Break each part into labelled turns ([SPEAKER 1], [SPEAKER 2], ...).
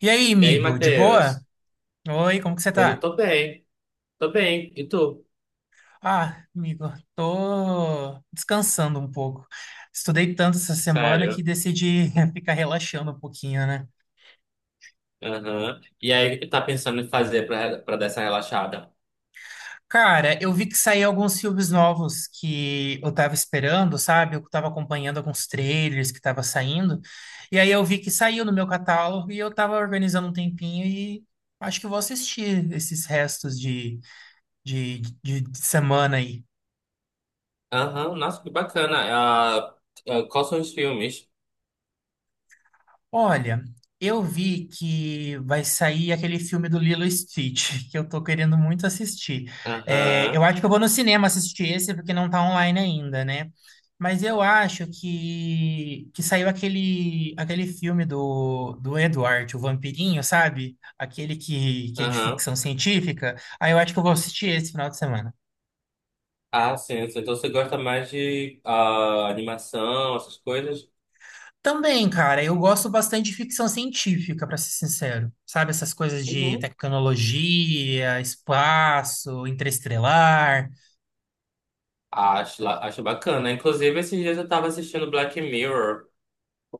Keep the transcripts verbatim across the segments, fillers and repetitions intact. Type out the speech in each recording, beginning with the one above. [SPEAKER 1] E aí,
[SPEAKER 2] E aí,
[SPEAKER 1] amigo, de boa?
[SPEAKER 2] Matheus?
[SPEAKER 1] Oi, como que você
[SPEAKER 2] Tudo
[SPEAKER 1] tá?
[SPEAKER 2] tô bem? Tô bem. E tu?
[SPEAKER 1] Ah, amigo, tô descansando um pouco. Estudei tanto essa semana que
[SPEAKER 2] Sério?
[SPEAKER 1] decidi ficar relaxando um pouquinho, né?
[SPEAKER 2] Aham. E aí, o que tá pensando em fazer pra, pra dar essa relaxada?
[SPEAKER 1] Cara, eu vi que saíram alguns filmes novos que eu tava esperando, sabe? Eu tava acompanhando alguns trailers que tava saindo. E aí eu vi que saiu no meu catálogo e eu tava organizando um tempinho e acho que eu vou assistir esses restos de, de, de de semana aí.
[SPEAKER 2] Aham, nossa, que bacana. Ah, ah, quais são os filmes?
[SPEAKER 1] Olha, eu vi que vai sair aquele filme do Lilo e Stitch, que eu tô querendo muito assistir. É,
[SPEAKER 2] Aham.
[SPEAKER 1] eu acho que eu vou no cinema assistir esse, porque não tá online ainda, né? Mas eu acho que, que saiu aquele, aquele filme do, do Edward, o Vampirinho, sabe? Aquele que, que é de
[SPEAKER 2] Aham.
[SPEAKER 1] ficção científica. Aí eu acho que eu vou assistir esse final de semana.
[SPEAKER 2] Ah, sim, sim. Então você gosta mais de ah, animação, essas coisas?
[SPEAKER 1] Também, cara, eu gosto bastante de ficção científica, pra ser sincero. Sabe, essas coisas de
[SPEAKER 2] Uhum.
[SPEAKER 1] tecnologia, espaço, interestelar.
[SPEAKER 2] Acho, la- acho bacana. Inclusive, esses dias eu tava assistindo Black Mirror.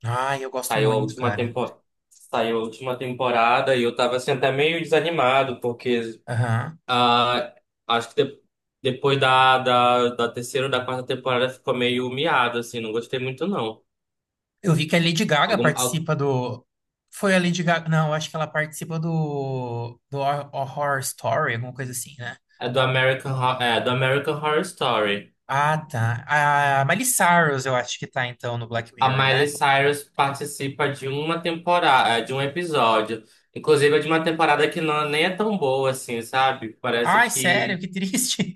[SPEAKER 1] Ai, eu gosto
[SPEAKER 2] Saiu a
[SPEAKER 1] muito,
[SPEAKER 2] última
[SPEAKER 1] cara.
[SPEAKER 2] temporada. Saiu a última temporada e eu tava assim até meio desanimado, porque
[SPEAKER 1] Aham.
[SPEAKER 2] Ah, acho que de- depois da, da, da terceira ou da quarta temporada ficou meio miado, assim, não gostei muito, não.
[SPEAKER 1] Eu vi que a Lady Gaga
[SPEAKER 2] Algum, al-
[SPEAKER 1] participa do. Foi a Lady Gaga. Não, eu acho que ela participa do. Do Hor- Horror Story, alguma coisa assim, né?
[SPEAKER 2] é do American, Ho- é do American Horror Story.
[SPEAKER 1] Ah, tá. A Miley Cyrus, eu acho que tá, então, no Black
[SPEAKER 2] A
[SPEAKER 1] Mirror,
[SPEAKER 2] Miley
[SPEAKER 1] né?
[SPEAKER 2] Cyrus participa de uma temporada, de um episódio. Inclusive, é de uma temporada que não, nem é tão boa, assim, sabe? Parece
[SPEAKER 1] Ai, sério,
[SPEAKER 2] que.
[SPEAKER 1] que triste.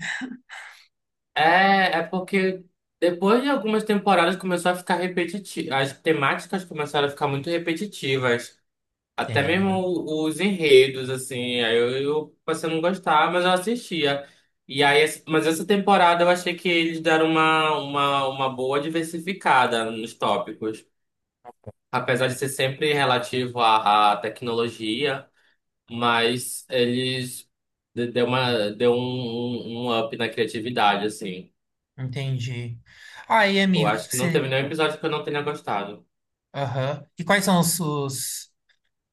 [SPEAKER 2] É, é porque depois de algumas temporadas começou a ficar repetitivo. As temáticas começaram a ficar muito repetitivas. Até mesmo
[SPEAKER 1] Entendo.
[SPEAKER 2] os enredos, assim, aí eu, eu passei a não gostar, mas eu assistia. E aí, essa- mas essa temporada eu achei que eles deram uma, uma, uma boa diversificada nos tópicos. Apesar de ser sempre relativo à, à tecnologia, mas eles de- deu uma, deu um, um, um up na criatividade, assim.
[SPEAKER 1] Entendi. Aí,
[SPEAKER 2] Eu
[SPEAKER 1] amigo, o que
[SPEAKER 2] acho
[SPEAKER 1] que
[SPEAKER 2] que não
[SPEAKER 1] você
[SPEAKER 2] teve nenhum episódio que eu não tenha gostado.
[SPEAKER 1] Aham. E quais são os, os-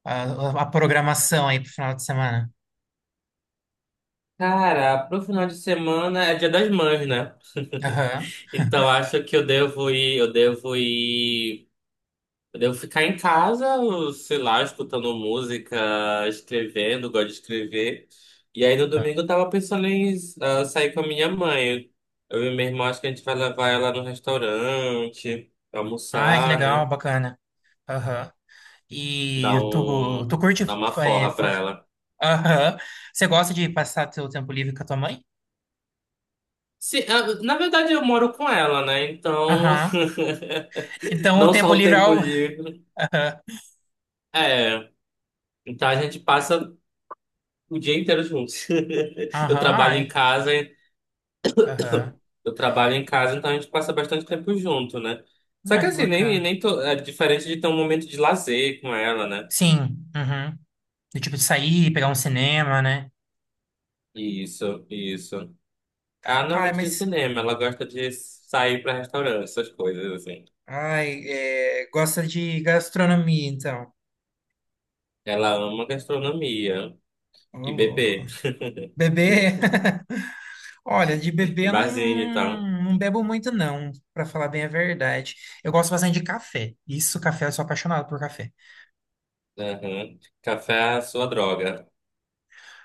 [SPEAKER 1] a, a programação aí pro final de semana?
[SPEAKER 2] Cara, pro final de semana é dia das mães, né?
[SPEAKER 1] Aham.
[SPEAKER 2] Então, acho que eu devo ir, eu devo ir, eu devo ficar em casa, sei lá, escutando música, escrevendo, gosto de escrever. E aí no
[SPEAKER 1] Aham.
[SPEAKER 2] domingo eu tava pensando em ah, sair com a minha mãe. Eu e minha irmã, acho que a gente vai levar ela no restaurante,
[SPEAKER 1] Ai, que
[SPEAKER 2] almoçar,
[SPEAKER 1] legal,
[SPEAKER 2] né?
[SPEAKER 1] bacana. Aham. E
[SPEAKER 2] Dar
[SPEAKER 1] tu,
[SPEAKER 2] um,
[SPEAKER 1] tu curte.
[SPEAKER 2] dar uma
[SPEAKER 1] é,
[SPEAKER 2] forra pra
[SPEAKER 1] fa-
[SPEAKER 2] ela.
[SPEAKER 1] Aham. Você gosta de passar teu tempo livre com a tua mãe?
[SPEAKER 2] Se, ah, Na verdade, eu moro com ela, né? Então,
[SPEAKER 1] Aham. Então o
[SPEAKER 2] não só
[SPEAKER 1] tempo
[SPEAKER 2] o
[SPEAKER 1] livre é
[SPEAKER 2] tempo
[SPEAKER 1] o.
[SPEAKER 2] livre.
[SPEAKER 1] Aham.
[SPEAKER 2] É, então a gente passa o dia inteiro juntos. Eu
[SPEAKER 1] Aham,
[SPEAKER 2] trabalho em
[SPEAKER 1] ai.
[SPEAKER 2] casa, e-
[SPEAKER 1] Aham.
[SPEAKER 2] eu trabalho em casa, então a gente passa bastante tempo junto, né? Só
[SPEAKER 1] Ai,
[SPEAKER 2] que
[SPEAKER 1] que
[SPEAKER 2] assim, nem,
[SPEAKER 1] bacana.
[SPEAKER 2] nem tô é diferente de ter um momento de lazer com ela, né?
[SPEAKER 1] Sim. Uhum. Do tipo de sair, pegar um cinema, né?
[SPEAKER 2] Isso, isso. Ela não é
[SPEAKER 1] Ai,
[SPEAKER 2] muito de
[SPEAKER 1] mas.
[SPEAKER 2] cinema, ela gosta de sair pra restaurante, essas coisas assim.
[SPEAKER 1] Ai, é, gosta de gastronomia, então.
[SPEAKER 2] Ela ama gastronomia
[SPEAKER 1] Ô,
[SPEAKER 2] e
[SPEAKER 1] louco.
[SPEAKER 2] beber,
[SPEAKER 1] Bebê, olha, de
[SPEAKER 2] e
[SPEAKER 1] bebê eu não,
[SPEAKER 2] barzinho e tal.
[SPEAKER 1] não, não bebo muito não, pra falar bem a verdade. Eu gosto bastante de café. Isso, café, eu sou apaixonado por café.
[SPEAKER 2] Aham. Café é a sua droga.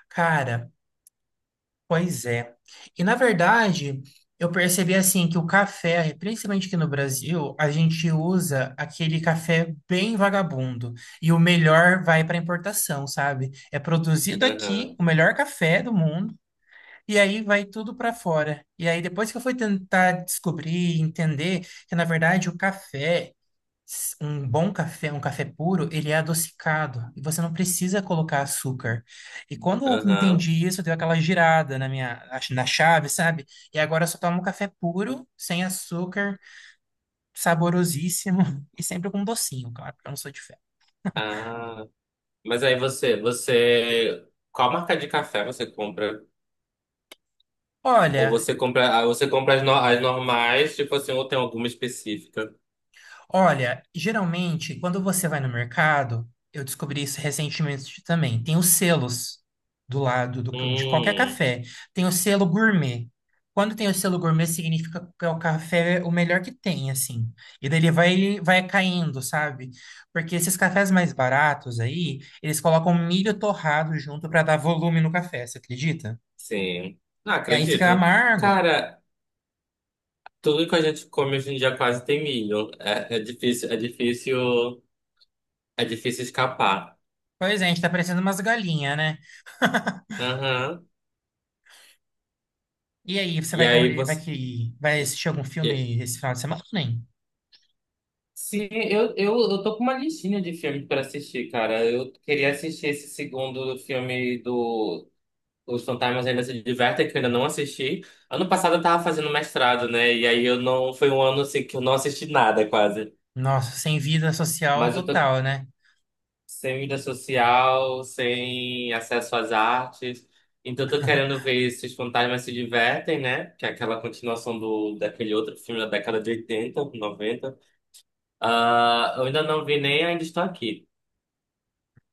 [SPEAKER 1] Cara, pois é. E na verdade, eu percebi assim que o café, principalmente aqui no Brasil, a gente usa aquele café bem vagabundo e o melhor vai para importação, sabe? É produzido aqui
[SPEAKER 2] Aham,
[SPEAKER 1] o melhor café do mundo. E aí vai tudo para fora. E aí depois que eu fui tentar descobrir, entender que na verdade o café, s- um bom café, um café puro, ele é adocicado e você não precisa colocar açúcar. E quando eu
[SPEAKER 2] aham.
[SPEAKER 1] entendi isso, deu aquela girada na minha ach- na chave, sabe? E agora eu só tomo café puro, sem açúcar, saborosíssimo e sempre com docinho, claro, porque eu não sou de fé.
[SPEAKER 2] Ah. Mas aí você, você, qual marca de café você compra? Ou
[SPEAKER 1] Olha,
[SPEAKER 2] você compra, ah, você compra as, no- as normais, tipo assim, ou tem alguma específica?
[SPEAKER 1] Olha, geralmente, quando você vai no mercado, eu descobri isso recentemente também, tem os selos do lado do ca- de qualquer
[SPEAKER 2] Hum,
[SPEAKER 1] café. Tem o selo gourmet. Quando tem o selo gourmet, significa que é o café o melhor que tem, assim. E daí ele vai, vai caindo, sabe? Porque esses cafés mais baratos aí, eles colocam milho torrado junto para dar volume no café, você acredita?
[SPEAKER 2] sim. Ah,
[SPEAKER 1] E aí fica
[SPEAKER 2] acredito.
[SPEAKER 1] amargo.
[SPEAKER 2] Cara, tudo que a gente come hoje em dia quase tem milho. É, é difícil, é difícil, é difícil escapar.
[SPEAKER 1] Pois é, a gente tá parecendo umas galinhas, né?
[SPEAKER 2] Aham.
[SPEAKER 1] E aí, você
[SPEAKER 2] E
[SPEAKER 1] vai,
[SPEAKER 2] aí
[SPEAKER 1] vai
[SPEAKER 2] você
[SPEAKER 1] que vai assistir algum
[SPEAKER 2] e-
[SPEAKER 1] filme esse final de semana ou nem?
[SPEAKER 2] sim, eu, eu, eu tô com uma listinha de filmes pra assistir, cara. Eu queria assistir esse segundo filme do Os Fantasmas Ainda Se Divertem, que eu ainda não assisti. Ano passado eu tava fazendo mestrado, né? E aí eu não. Foi um ano assim que eu não assisti nada, quase.
[SPEAKER 1] Nossa, sem vida social
[SPEAKER 2] Mas eu tô
[SPEAKER 1] total, né?
[SPEAKER 2] sem vida social, sem acesso às artes. Então eu tô querendo ver Se Os Fantasmas Se Divertem, né? Que é aquela continuação do, daquele outro filme da década de oitenta, noventa. Ah, eu ainda não vi nem Ainda Estou Aqui.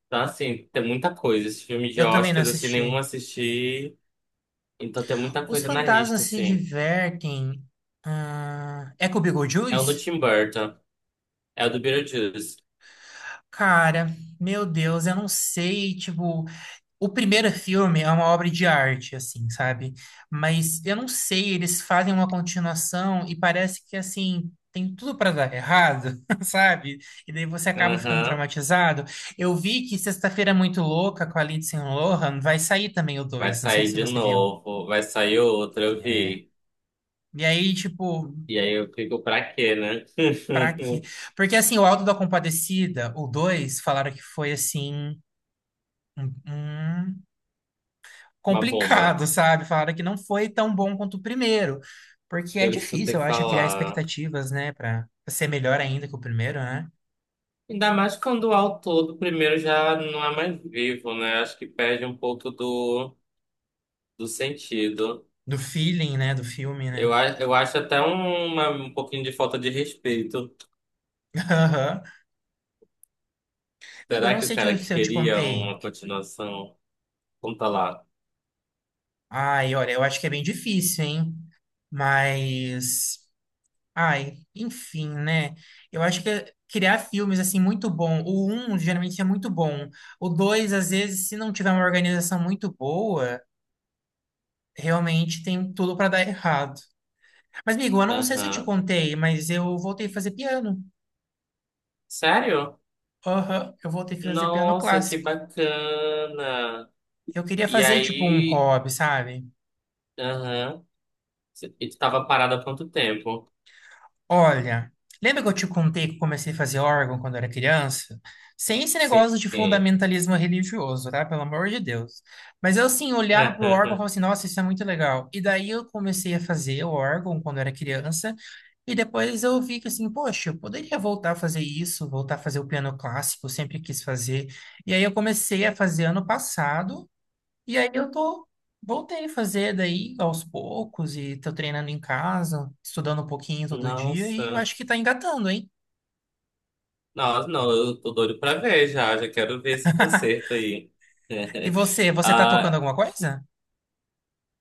[SPEAKER 2] Então, assim, tem muita coisa. Esse filme de
[SPEAKER 1] Eu também não
[SPEAKER 2] Oscars, assim, nenhum
[SPEAKER 1] assisti.
[SPEAKER 2] assisti. Então tem muita
[SPEAKER 1] Os
[SPEAKER 2] coisa na
[SPEAKER 1] fantasmas
[SPEAKER 2] lista,
[SPEAKER 1] se
[SPEAKER 2] assim.
[SPEAKER 1] divertem. Ah, é com o
[SPEAKER 2] É um do
[SPEAKER 1] Beetlejuice?
[SPEAKER 2] Tim Burton. É o do Beetlejuice.
[SPEAKER 1] Cara, meu Deus, eu não sei, tipo. O primeiro filme é uma obra de arte, assim, sabe? Mas eu não sei, eles fazem uma continuação e parece que, assim, tem tudo pra dar errado, sabe? E daí você acaba ficando
[SPEAKER 2] Aham.
[SPEAKER 1] traumatizado. Eu vi que Sexta-feira é Muito Louca com a Lindsay Lohan vai sair também o
[SPEAKER 2] Vai
[SPEAKER 1] dois. Não sei
[SPEAKER 2] sair
[SPEAKER 1] se
[SPEAKER 2] de
[SPEAKER 1] você viu.
[SPEAKER 2] novo. Vai sair outro, eu
[SPEAKER 1] É.
[SPEAKER 2] vi.
[SPEAKER 1] E aí, tipo,
[SPEAKER 2] E aí eu fico pra quê, né?
[SPEAKER 1] pra quê? Porque, assim, o Auto da Compadecida, o dois falaram que foi, assim, um, um
[SPEAKER 2] Uma bomba.
[SPEAKER 1] complicado, sabe? Falaram que não foi tão bom quanto o primeiro, porque é
[SPEAKER 2] Eu escutei
[SPEAKER 1] difícil, eu acho, criar
[SPEAKER 2] falar.
[SPEAKER 1] expectativas, né? Pra pra ser melhor ainda que o primeiro, né?
[SPEAKER 2] Ainda mais quando o autor do primeiro já não é mais vivo, né? Acho que perde um pouco do, do sentido.
[SPEAKER 1] Do feeling, né, do filme, né?
[SPEAKER 2] Eu, a- eu acho até uma, um pouquinho de falta de respeito.
[SPEAKER 1] Aham. Amigo, eu
[SPEAKER 2] Será
[SPEAKER 1] não
[SPEAKER 2] que o
[SPEAKER 1] sei te-
[SPEAKER 2] cara
[SPEAKER 1] se eu te
[SPEAKER 2] queria
[SPEAKER 1] contei.
[SPEAKER 2] uma continuação? Conta lá.
[SPEAKER 1] Ai, olha, eu acho que é bem difícil, hein? Mas, ai, enfim, né? Eu acho que criar filmes assim muito bom. O um geralmente é muito bom. O dois, às vezes, se não tiver uma organização muito boa, realmente tem tudo para dar errado. Mas, amigo, eu não sei se eu te
[SPEAKER 2] Aham.
[SPEAKER 1] contei, mas eu voltei a fazer piano.
[SPEAKER 2] Sério?
[SPEAKER 1] Aham, eu voltei a fazer piano
[SPEAKER 2] Nossa, que
[SPEAKER 1] clássico.
[SPEAKER 2] bacana!
[SPEAKER 1] Eu queria
[SPEAKER 2] E
[SPEAKER 1] fazer, tipo, um
[SPEAKER 2] aí,
[SPEAKER 1] hobby, sabe?
[SPEAKER 2] aham, Cê- e tu tava parada há quanto tempo?
[SPEAKER 1] Olha, lembra que eu te contei que eu comecei a fazer órgão quando era criança? Sem esse
[SPEAKER 2] Sim.
[SPEAKER 1] negócio de fundamentalismo religioso, tá? Pelo amor de Deus. Mas eu, assim, olhava pro órgão e falava assim, nossa, isso é muito legal. E daí eu comecei a fazer o órgão quando era criança. E depois eu vi que, assim, poxa, eu poderia voltar a fazer isso, voltar a fazer o piano clássico, eu sempre quis fazer. E aí eu comecei a fazer ano passado. E aí eu tô, voltei a fazer daí aos poucos e tô treinando em casa, estudando um pouquinho todo dia e eu
[SPEAKER 2] Nossa.
[SPEAKER 1] acho que tá engatando, hein?
[SPEAKER 2] Nossa, não, eu tô doido pra ver, já já quero ver esse concerto aí.
[SPEAKER 1] E você, você tá tocando
[SPEAKER 2] Ah,
[SPEAKER 1] alguma coisa?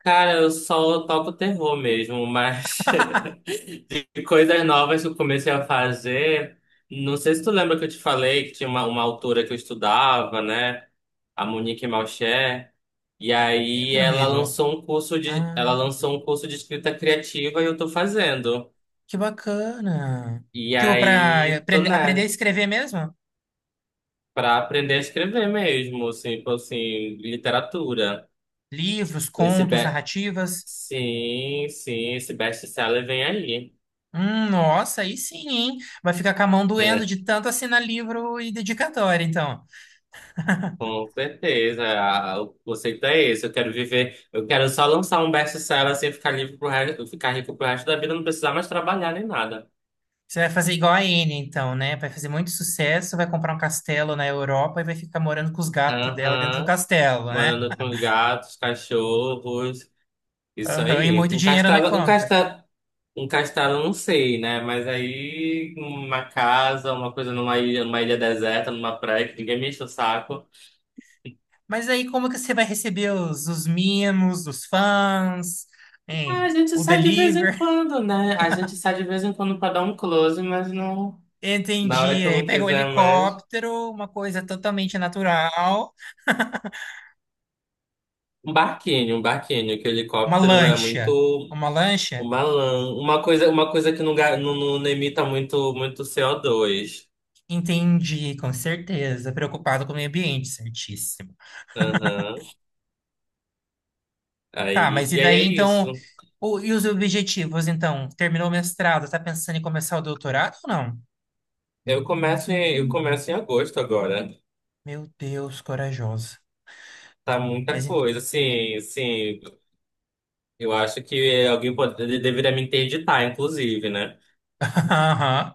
[SPEAKER 2] cara, eu só toco terror mesmo, mas e coisas novas que eu comecei a fazer. Não sei se tu lembra que eu te falei que tinha uma, uma autora que eu estudava, né? A Monique Malcher. E aí
[SPEAKER 1] Lembro,
[SPEAKER 2] ela
[SPEAKER 1] amigo.
[SPEAKER 2] lançou um curso de, ela
[SPEAKER 1] Ah,
[SPEAKER 2] lançou um curso de escrita criativa e eu tô fazendo.
[SPEAKER 1] que bacana.
[SPEAKER 2] E
[SPEAKER 1] Tipo, pra
[SPEAKER 2] aí tô,
[SPEAKER 1] aprende- aprender a
[SPEAKER 2] né,
[SPEAKER 1] escrever mesmo?
[SPEAKER 2] pra aprender a escrever mesmo, assim, tipo assim, literatura.
[SPEAKER 1] Livros,
[SPEAKER 2] Esse
[SPEAKER 1] contos,
[SPEAKER 2] be...
[SPEAKER 1] narrativas.
[SPEAKER 2] Sim, sim, esse best-seller vem aí.
[SPEAKER 1] Hum, nossa, aí sim, hein? Vai ficar com a mão doendo de tanto assinar livro e dedicatória, então.
[SPEAKER 2] Com certeza, a- o conceito é esse. Eu quero viver, eu quero só lançar um best-seller assim, ficar livre pro resto, ficar rico pro resto da vida, não precisar mais trabalhar nem nada.
[SPEAKER 1] Você vai fazer igual a Anne, então, né? Vai fazer muito sucesso, vai comprar um castelo na Europa e vai ficar morando com os gatos dela dentro do
[SPEAKER 2] Aham,
[SPEAKER 1] castelo, né?
[SPEAKER 2] morando com os gatos, cachorros, isso
[SPEAKER 1] Aham, e
[SPEAKER 2] aí.
[SPEAKER 1] muito
[SPEAKER 2] Um
[SPEAKER 1] dinheiro na
[SPEAKER 2] castelo, um
[SPEAKER 1] conta.
[SPEAKER 2] castelo, um castelo, não sei, né? Mas aí uma casa, uma coisa numa ilha, numa ilha deserta, numa praia, que ninguém me enche o saco.
[SPEAKER 1] Mas aí, como que você vai receber os, os mimos dos fãs,
[SPEAKER 2] Ah, a
[SPEAKER 1] hein?
[SPEAKER 2] gente
[SPEAKER 1] O
[SPEAKER 2] sai de vez em
[SPEAKER 1] deliver?
[SPEAKER 2] quando, né? A gente sai de vez em quando pra dar um close, mas não, na hora
[SPEAKER 1] Entendi.
[SPEAKER 2] que eu
[SPEAKER 1] Aí
[SPEAKER 2] não
[SPEAKER 1] pega o
[SPEAKER 2] quiser mais.
[SPEAKER 1] helicóptero, uma coisa totalmente natural,
[SPEAKER 2] Um barquinho, um barquinho, que o
[SPEAKER 1] uma
[SPEAKER 2] helicóptero é
[SPEAKER 1] lancha.
[SPEAKER 2] muito
[SPEAKER 1] Uma lancha?
[SPEAKER 2] uma lã, uma coisa, uma coisa que não, ga- não, não- emita muito, muito C O dois.
[SPEAKER 1] Entendi, com certeza. Preocupado com o meio ambiente, certíssimo.
[SPEAKER 2] Aham.
[SPEAKER 1] Tá,
[SPEAKER 2] Aí,
[SPEAKER 1] mas e
[SPEAKER 2] e aí
[SPEAKER 1] daí
[SPEAKER 2] é isso.
[SPEAKER 1] então, o- e os objetivos então? Terminou o mestrado, tá pensando em começar o doutorado ou não?
[SPEAKER 2] Eu começo em, eu começo em agosto agora.
[SPEAKER 1] Meu Deus, corajosa.
[SPEAKER 2] Tá muita
[SPEAKER 1] Mas e-
[SPEAKER 2] coisa, sim, sim. Eu acho que alguém pode, ele deveria me interditar, inclusive, né?
[SPEAKER 1] Aham.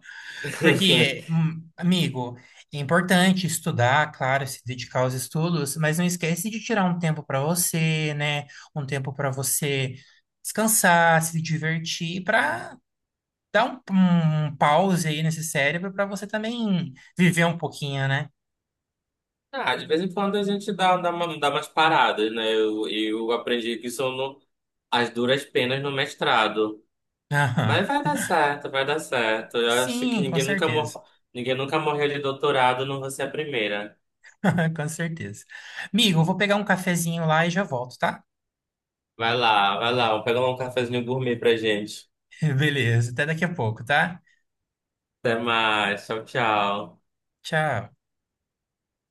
[SPEAKER 1] Porque, hum, amigo, é importante estudar, claro, se dedicar aos estudos, mas não esquece de tirar um tempo para você, né? Um tempo para você descansar, se divertir, para dar um, um um pause aí nesse cérebro para você também viver um pouquinho, né?
[SPEAKER 2] Ah, de vez em quando a gente dá, dá, uma, dá umas paradas, né? Eu, eu aprendi que isso no, as duras penas no mestrado. Mas
[SPEAKER 1] Aham.
[SPEAKER 2] vai dar certo, vai dar certo. Eu acho que
[SPEAKER 1] Sim, com
[SPEAKER 2] ninguém nunca,
[SPEAKER 1] certeza.
[SPEAKER 2] mor... ninguém nunca morreu de doutorado, não vou ser a primeira.
[SPEAKER 1] Com certeza. Migo, eu vou pegar um cafezinho lá e já volto, tá?
[SPEAKER 2] Vai lá, vai lá, vou pegar um cafezinho gourmet pra gente.
[SPEAKER 1] Beleza, até daqui a pouco, tá?
[SPEAKER 2] Até mais, tchau, tchau.
[SPEAKER 1] Tchau.